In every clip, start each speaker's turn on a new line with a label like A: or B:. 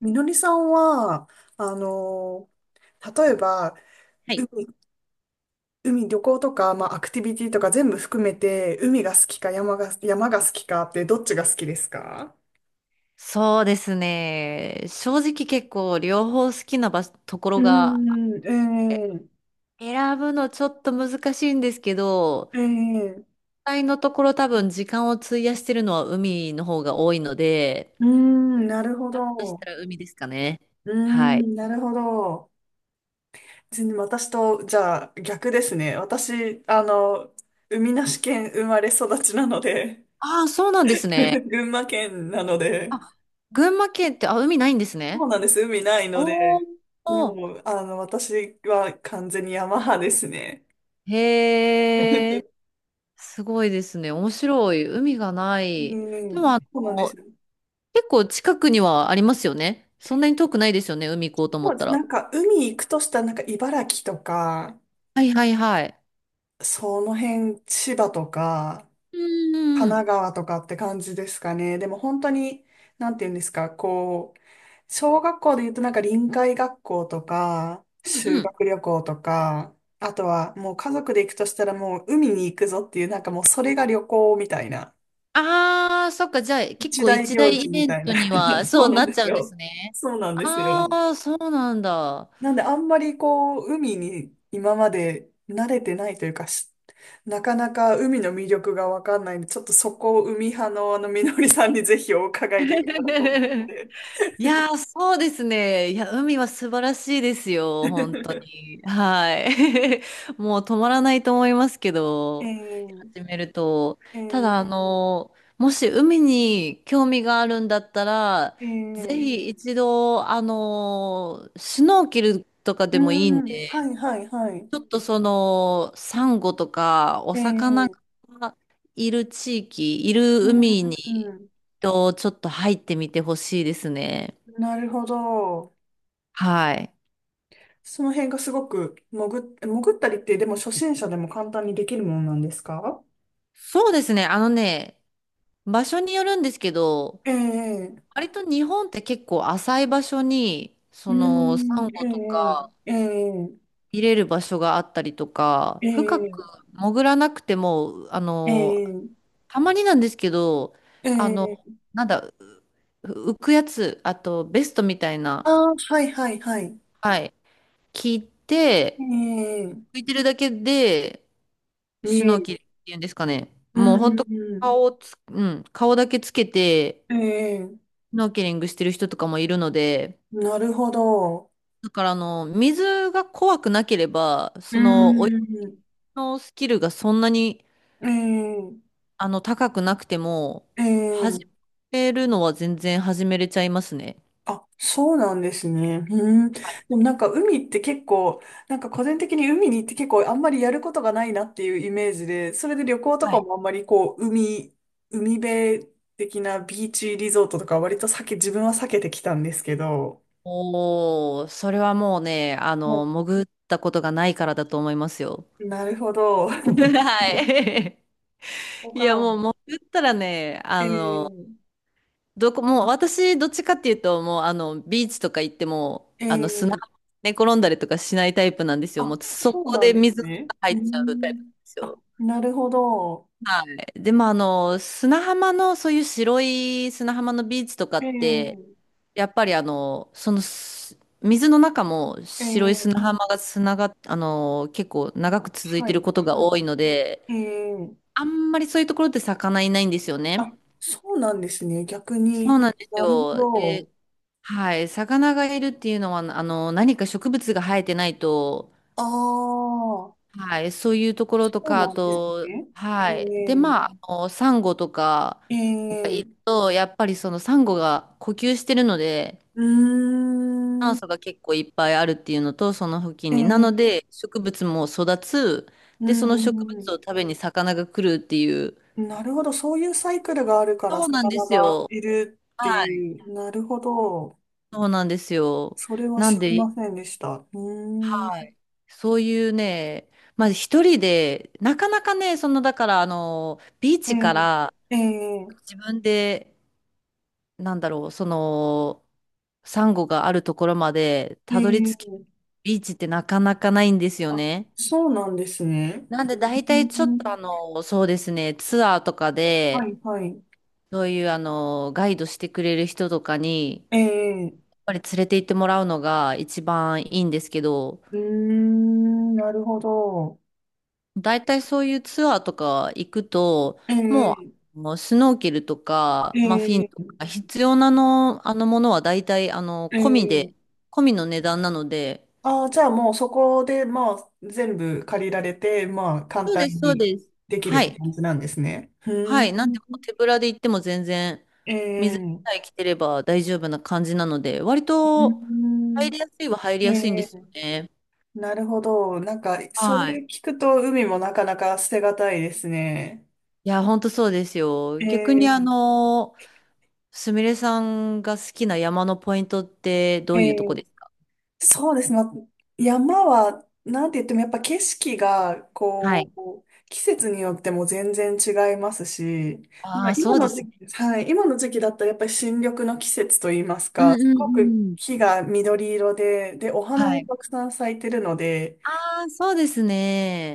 A: みのりさんは、あの、例えば、
B: はい、
A: 海、海旅行とか、アクティビティとか全部含めて、海が好きか山が好きかって、どっちが好きですか？
B: そうですね。正直結構両方好きな場所、とこ
A: う
B: ろが
A: ーん。え
B: 選ぶのちょっと難しいんですけど、
A: え。ええ。
B: 実際のところ多分時間を費やしてるのは海の方が多いので、
A: うーん、なるほ
B: そし
A: ど。
B: たら海ですかね。
A: うー
B: はい。
A: ん、なるほど。全然私と、じゃあ、逆ですね。私、海なし県生まれ育ちなので、
B: ああ、そうなんです ね。
A: 群馬県なので、
B: あ、群馬県って、あ、海ないんです
A: そう
B: ね。
A: なんです。海ないので、
B: おお、
A: もう、私は完全に山派ですね。
B: へえ、すごいですね。面白い。海がな
A: う
B: い。で
A: ん、
B: も
A: そうなんですよ。
B: 結構近くにはありますよね。そんなに遠くないですよね。海行こうと思
A: そ
B: っ
A: うで
B: た
A: す。
B: ら。
A: 海行くとしたら、茨城とか、
B: はいはいはい。
A: その辺、千葉とか、
B: うんうん
A: 神
B: うん。
A: 奈川とかって感じですかね。でも、本当に、なんて言うんですか、こう、小学校で言うと、臨海学校とか、
B: うん
A: 修
B: うん。
A: 学旅行とか、あとは、もう家族で行くとしたら、もう海に行くぞっていう、なんかもう、それが旅行みたいな。
B: ああ、そっか。じゃあ結
A: 一
B: 構
A: 大
B: 一
A: 行
B: 大
A: 事
B: イ
A: み
B: ベン
A: たい
B: ト
A: な。
B: には
A: そ
B: そう
A: うなん
B: なっ
A: です
B: ちゃうんです
A: よ。
B: ね。
A: そうなんです
B: あ
A: よ。
B: あ、そうなんだ。
A: なんで、あんまりこう、海に今まで慣れてないというか、なかなか海の魅力がわかんないんで、ちょっとそこを海派のみのりさんにぜひお伺いできたらと思っ て。
B: いやー、そうですね。いや、海は素晴らしいですよ、本当 に。はい。もう止まらないと思いますけ
A: え
B: ど、
A: ー、
B: 始めると。
A: え
B: た
A: ー、
B: だ、もし海に興味があるんだったら、
A: え
B: ぜ
A: ー、
B: ひ一度、シュノーケルとか
A: う
B: でもいいん
A: ん、
B: で、
A: はいはいはい。
B: ちょっとその、サンゴとか、お
A: え
B: 魚
A: ー、
B: がいる地域、いる海
A: う
B: に、
A: ん、
B: と、ちょっと入ってみてほしいですね。
A: なるほど。
B: はい。
A: その辺がすごく潜ったりって、でも初心者でも簡単にできるものなんですか？
B: そうですね。あのね、場所によるんですけど、
A: ええ。
B: 割と日本って結構浅い場所に、
A: う
B: サ
A: ー
B: ンゴと
A: ん。
B: か
A: ええ、ええ。
B: 見れる場所があったりとか、
A: え
B: 深く
A: え。
B: 潜らなくても、
A: ええ。
B: たまになんですけど、
A: え
B: あの、
A: え。
B: なんだ、浮くやつ、あとベストみたい
A: あ
B: な、
A: あ、はいはいはい。
B: はい、聞い
A: え
B: て、
A: え。
B: 浮いてるだけで、シ
A: 見
B: ュ
A: え
B: ノー
A: る。
B: キルっていうんですかね。
A: う
B: もう本
A: ん。
B: 当うん、顔だけつけて、
A: うん。ええ。
B: スノーケリングしてる人とかもいるので、
A: なるほど。
B: だから水が怖くなければ、
A: う
B: 泳ぎ
A: ん。
B: のスキルがそんなに、
A: え
B: 高くなくても、
A: え。ええ。
B: 始めるのは全然始めれちゃいますね。
A: あ、そうなんですね。うん。で
B: はい。
A: もなんか海って結構、なんか個人的に海に行って結構あんまりやることがないなっていうイメージで、それで旅行と
B: は
A: か
B: い。
A: もあんまりこう、海辺的なビーチリゾートとか割と自分は避けてきたんですけど。
B: おー、それはもうね、
A: は
B: 潜ったことがないからだと思いますよ。
A: い、なるほど。
B: は い。いや、
A: こ
B: もう潜ったらね、
A: ええ。
B: もう私、どっちかっていうと、もうビーチとか行っても、
A: ええ
B: 砂ね、
A: ー。
B: 寝転んだりとかしないタイプなんですよ。
A: あ、
B: もうそ
A: そう
B: こ
A: なん
B: で
A: です
B: 水が
A: ね。
B: 入
A: う
B: っちゃうタイプなん
A: ん。
B: です
A: あ、
B: よ。
A: なるほど。
B: はい。でも砂浜の、そういう白い砂浜のビーチとか
A: え
B: って、
A: え。
B: やっぱり水の中も白い
A: ええ。
B: 砂浜が砂が、結構長く続い
A: は
B: て
A: い、
B: ることが
A: はい。
B: 多いので、
A: ええ。
B: あんまりそういうところって魚いないんですよ
A: あ、
B: ね。
A: そうなんですね。逆
B: そう
A: に。
B: なんです
A: なるほ
B: よ。で、
A: ど。
B: はい、魚がいるっていうのは、何か植物が生えてないと、
A: ああ、そ
B: はい、そういうところと
A: う
B: か、あ
A: なんです
B: と、
A: ね。え
B: はい。で、
A: え、
B: まあ、サンゴとか
A: え
B: が
A: え、
B: いると、やっぱりそのサンゴが呼吸してるので、
A: うー
B: 酸
A: ん、
B: 素が結構いっぱいあるっていうのと、その付近
A: え
B: に。なの
A: え、
B: で、植物も育つ。
A: う
B: で、その植物
A: ん、
B: を食べに魚が来るっていう。
A: うん、なるほど。そういうサイクルがあるから
B: そうなんで
A: 魚
B: す
A: が
B: よ。
A: いるって
B: はい。
A: いう。なるほど。
B: そうなんですよ。
A: それは
B: なん
A: 知り
B: で、
A: ませんでした。うーん。
B: はい。そういうね、まあ一人で、なかなかね、だからビー
A: え
B: チから
A: え、ええ、
B: 自分で、なんだろう、その、サンゴがあるところまで
A: え
B: たどり着き、
A: え。
B: ビーチってなかなかないんですよ
A: あ、
B: ね。
A: そうなんですね。
B: なんで大
A: う
B: 体ちょっと
A: ん、
B: そうですね、ツアーとか
A: は
B: で、
A: い、はい。
B: そういうガイドしてくれる人とかに、
A: ええ。
B: やっぱり連れて行ってもらうのが一番いいんですけど、
A: うーん、なるほど。
B: 大体そういうツアーとか行くと、
A: え
B: も
A: え、
B: う、スノーケルとか、まあ、フィン
A: え
B: と
A: え、
B: か、必要なの、あのものは大体、
A: え
B: 込み
A: え。
B: で、込みの値段なので、
A: ああ、じゃあもうそこで、まあ、全部借りられて、まあ、簡
B: そう
A: 単
B: です、そう
A: に
B: です。
A: できるっ
B: は
A: て
B: い。
A: 感じなんですね。うー
B: はい。
A: ん。
B: なんで、もう手ぶらで行っても全然、
A: ええ。
B: 水
A: う
B: さえ着てれば大丈夫な感じなので、割
A: ー
B: と、
A: ん。
B: 入りやすいは入り
A: え
B: やすいんですよ
A: え。
B: ね。
A: なるほど。なんか、そ
B: はい。
A: れ聞くと海もなかなか捨てがたいですね。
B: いや、本当そうですよ。
A: え
B: 逆に、
A: え。
B: すみれさんが好きな山のポイントってど
A: え
B: ういうとこ
A: え。
B: です？
A: そうですね。まあ山は、なんて言ってもやっぱ景色が、
B: はい。
A: こう、季節によっても全然違いますし、ま
B: あ
A: あ、
B: あ、そ
A: 今
B: うで
A: の
B: す
A: 時
B: ね。
A: 期、はい、今の時期だったらやっぱり新緑の季節といいます
B: うん
A: か、す
B: うん
A: ごく
B: うん。
A: 木が緑色で、で、お花
B: は
A: も
B: い。
A: たくさん咲いてるので、
B: ああ、そうです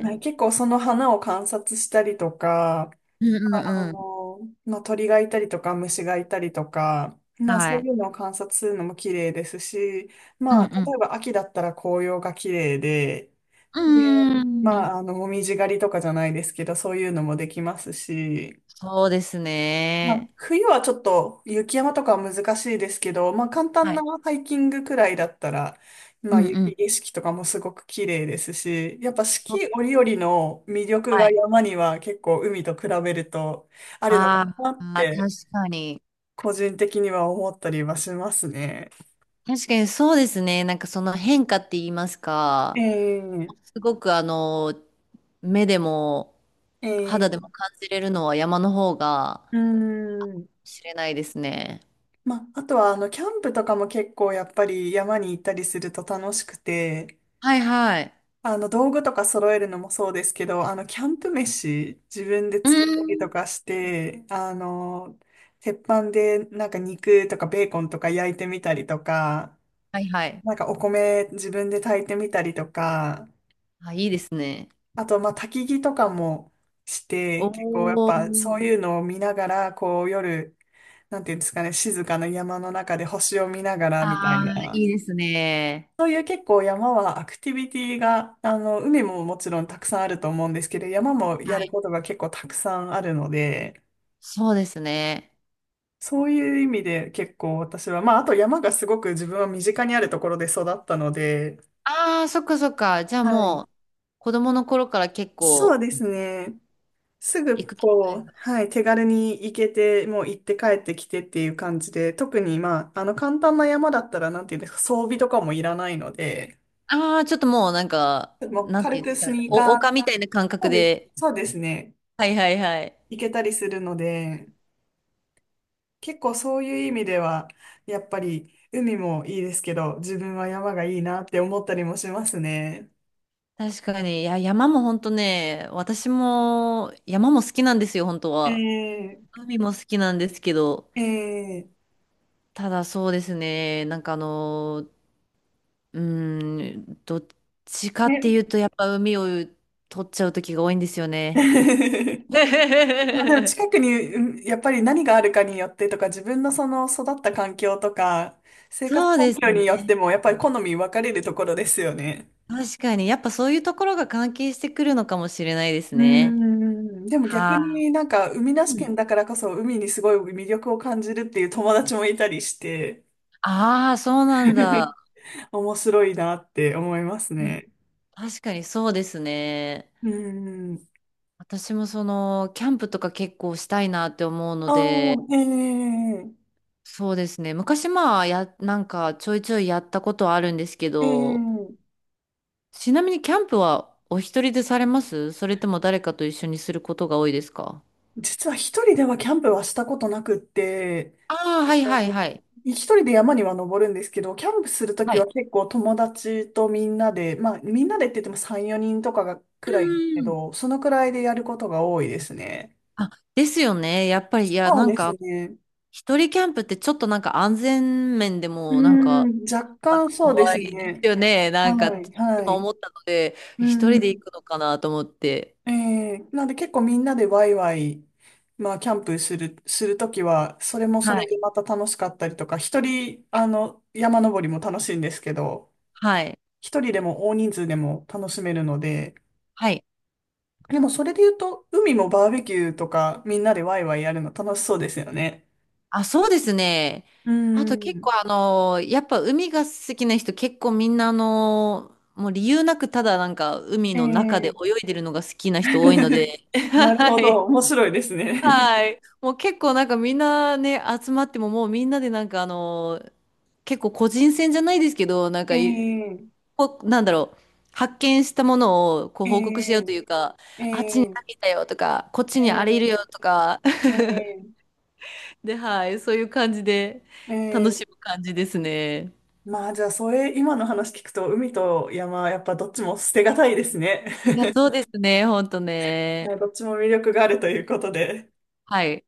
A: はい、結構その花を観察したりとか、
B: うんう
A: あ
B: んうん。
A: の、まあ、鳥がいたりとか虫がいたりとか、まあ、そ
B: は
A: う
B: い。
A: いうのを観察するのも綺麗ですし、
B: うん
A: まあ、例
B: う
A: えば秋だったら紅葉が綺麗で、で、
B: ん。うーん。
A: まあ、もみじ狩りとかじゃないですけど、そういうのもできますし、
B: そうです
A: まあ、
B: ね。
A: 冬はちょっと雪山とかは難しいですけど、まあ簡単
B: は
A: な
B: い。
A: ハイキングくらいだったら、ま
B: う
A: あ
B: んう
A: 雪
B: ん。
A: 景色とかもすごく綺麗ですし、やっぱ四
B: そう、
A: 季折々の魅力
B: は
A: が
B: い。
A: 山には結構海と比べるとあるのか
B: あ
A: なっ
B: あ、確
A: て
B: かに。
A: 個人的には思ったりはしますね。
B: 確かにそうですね。なんかその変化って言いますか。
A: ええ。
B: すごく目でも
A: え
B: 肌でも
A: え。
B: 感じれるのは山の方が
A: うーん。
B: 知れないですね。
A: まあ、あとはあのキャンプとかも結構やっぱり山に行ったりすると楽しくて、
B: はいはい。
A: あの、道具とか揃えるのもそうですけど、あの、キャンプ飯、自分で
B: うー
A: 作ったりと
B: ん。
A: かして、鉄板でなんか肉とかベーコンとか焼いてみたりとか、
B: はいはい。
A: なんかお米自分で炊いてみたりとか、
B: あ、いいですね。
A: あと、まあ、焚き火とかもして、結構やっ
B: お
A: ぱそ
B: ー。
A: ういうのを見ながら、こう夜、なんていうんですかね、静かな山の中で星を見ながらみたい
B: ああ、
A: な。
B: いいですね。
A: そういう結構山はアクティビティが、あの、海ももちろんたくさんあると思うんですけど、山もや
B: は
A: る
B: い。
A: ことが結構たくさんあるので、
B: そうですね。
A: そういう意味で結構私は、まあ、あと山がすごく自分は身近にあるところで育ったので、
B: ああ、そっかそっか。じゃあ
A: はい。
B: もう、子供の頃から結
A: そう
B: 構
A: ですね。す
B: 行
A: ぐ
B: く機会
A: こう、
B: が。
A: はい、手軽に行けて、もう行って帰ってきてっていう感じで、特にまあ、あの簡単な山だったら、なんていうんですか、装備とかもいらないので、
B: ああ、ちょっともうなんか、
A: もう
B: なんて
A: 軽
B: いうんで
A: く
B: すか
A: ス
B: ね。
A: ニー
B: お、
A: カー、
B: 丘みたいな感
A: そ
B: 覚
A: うです。
B: で。
A: そうですね。
B: はいはいはい。
A: 行けたりするので、結構そういう意味では、やっぱり海もいいですけど、自分は山がいいなって思ったりもしますね。
B: 確かに。いや、山も本当ね、私も山も好きなんですよ、本当は。
A: ええ。
B: 海も好きなんですけど。
A: ええ。
B: ただそうですね、なんかどっちかってい
A: ね。
B: うと、やっぱ海を取っちゃう時が多いんですよね。
A: まあでも 近くに、うん、やっぱり何があるかによってとか、自分のその育った環境とか、生活
B: そう
A: 環
B: です
A: 境によって
B: ね。
A: も、やっぱり好み分かれるところですよね。
B: 確かに、やっぱそういうところが関係してくるのかもしれないです
A: う
B: ね。
A: ん。でも逆
B: は
A: になんか、海な
B: い、
A: し
B: う
A: 県
B: ん。
A: だからこそ、海にすごい魅力を感じるっていう友達もいたりして。
B: ああ、そうなんだ。
A: 面白いなって思います
B: うん、
A: ね。
B: 確かにそうですね。
A: うん。
B: 私もその、キャンプとか結構したいなって思うので、
A: ああ、ええ。
B: そうですね。昔まあ、なんかちょいちょいやったことはあるんですけ
A: え
B: ど、
A: え。
B: ちなみにキャンプはお一人でされます？それとも誰かと一緒にすることが多いですか？
A: 実は一人ではキャンプはしたことなくって、
B: ああー、はいはいはい。
A: 一人で山には登るんですけど、キャンプするとき
B: は
A: は
B: い。
A: 結構友達とみんなで、まあみんなでって言っても3、4人とかが
B: う
A: くらいです
B: ん
A: け
B: うん。
A: ど、そのくらいでやることが多いですね。
B: あ、ですよね。やっぱり、いや、
A: そう
B: なん
A: です
B: か、
A: ね。
B: 一人キャンプってちょっとなんか安全面で
A: う
B: も、なんか、
A: ん、若
B: なんか
A: 干そうで
B: 怖
A: す
B: いです
A: ね。
B: よね。なんか、
A: はい、は
B: 今
A: い。
B: 思ったので、
A: う
B: 一人で行
A: ん。
B: くのかなと思って。
A: ええ、なんで結構みんなでワイワイ、まあ、キャンプする、するときは、それもそ
B: は
A: れで
B: い。
A: また楽しかったりとか、一人、あの、山登りも楽しいんですけど、
B: はい。
A: 一人でも大人数でも楽しめるので、
B: はい。
A: でもそれで言うと、海もバーベキューとか、みんなでワイワイやるの楽しそうですよね。
B: あ、そうですね。
A: うー
B: あと結
A: ん。
B: 構やっぱ海が好きな人結構みんなもう理由なくただなんか海
A: え
B: の中で
A: え。
B: 泳いでるのが好きな人多いの で、
A: な る
B: は
A: ほど。
B: い。
A: 面白いですね。
B: はい。もう結構なんかみんなね、集まってももうみんなでなんか結構個人戦じゃないですけど、なんかい、
A: ええ。
B: こうなんだろう、発見したものをこう報告し合うとい
A: ええ。
B: うか、
A: え
B: あっちに
A: え。
B: 何い
A: え
B: たよとか、こっちにあれいるよとか、
A: え。え
B: で、はい、そういう感じで楽
A: え。
B: し
A: え
B: む感じですね。
A: まあ、じゃあ、それ、今の話聞くと、海と山、やっぱどっちも捨てがたいですね。
B: いや、そうですね、ほんとね。
A: どっちも魅力があるということで。
B: はい。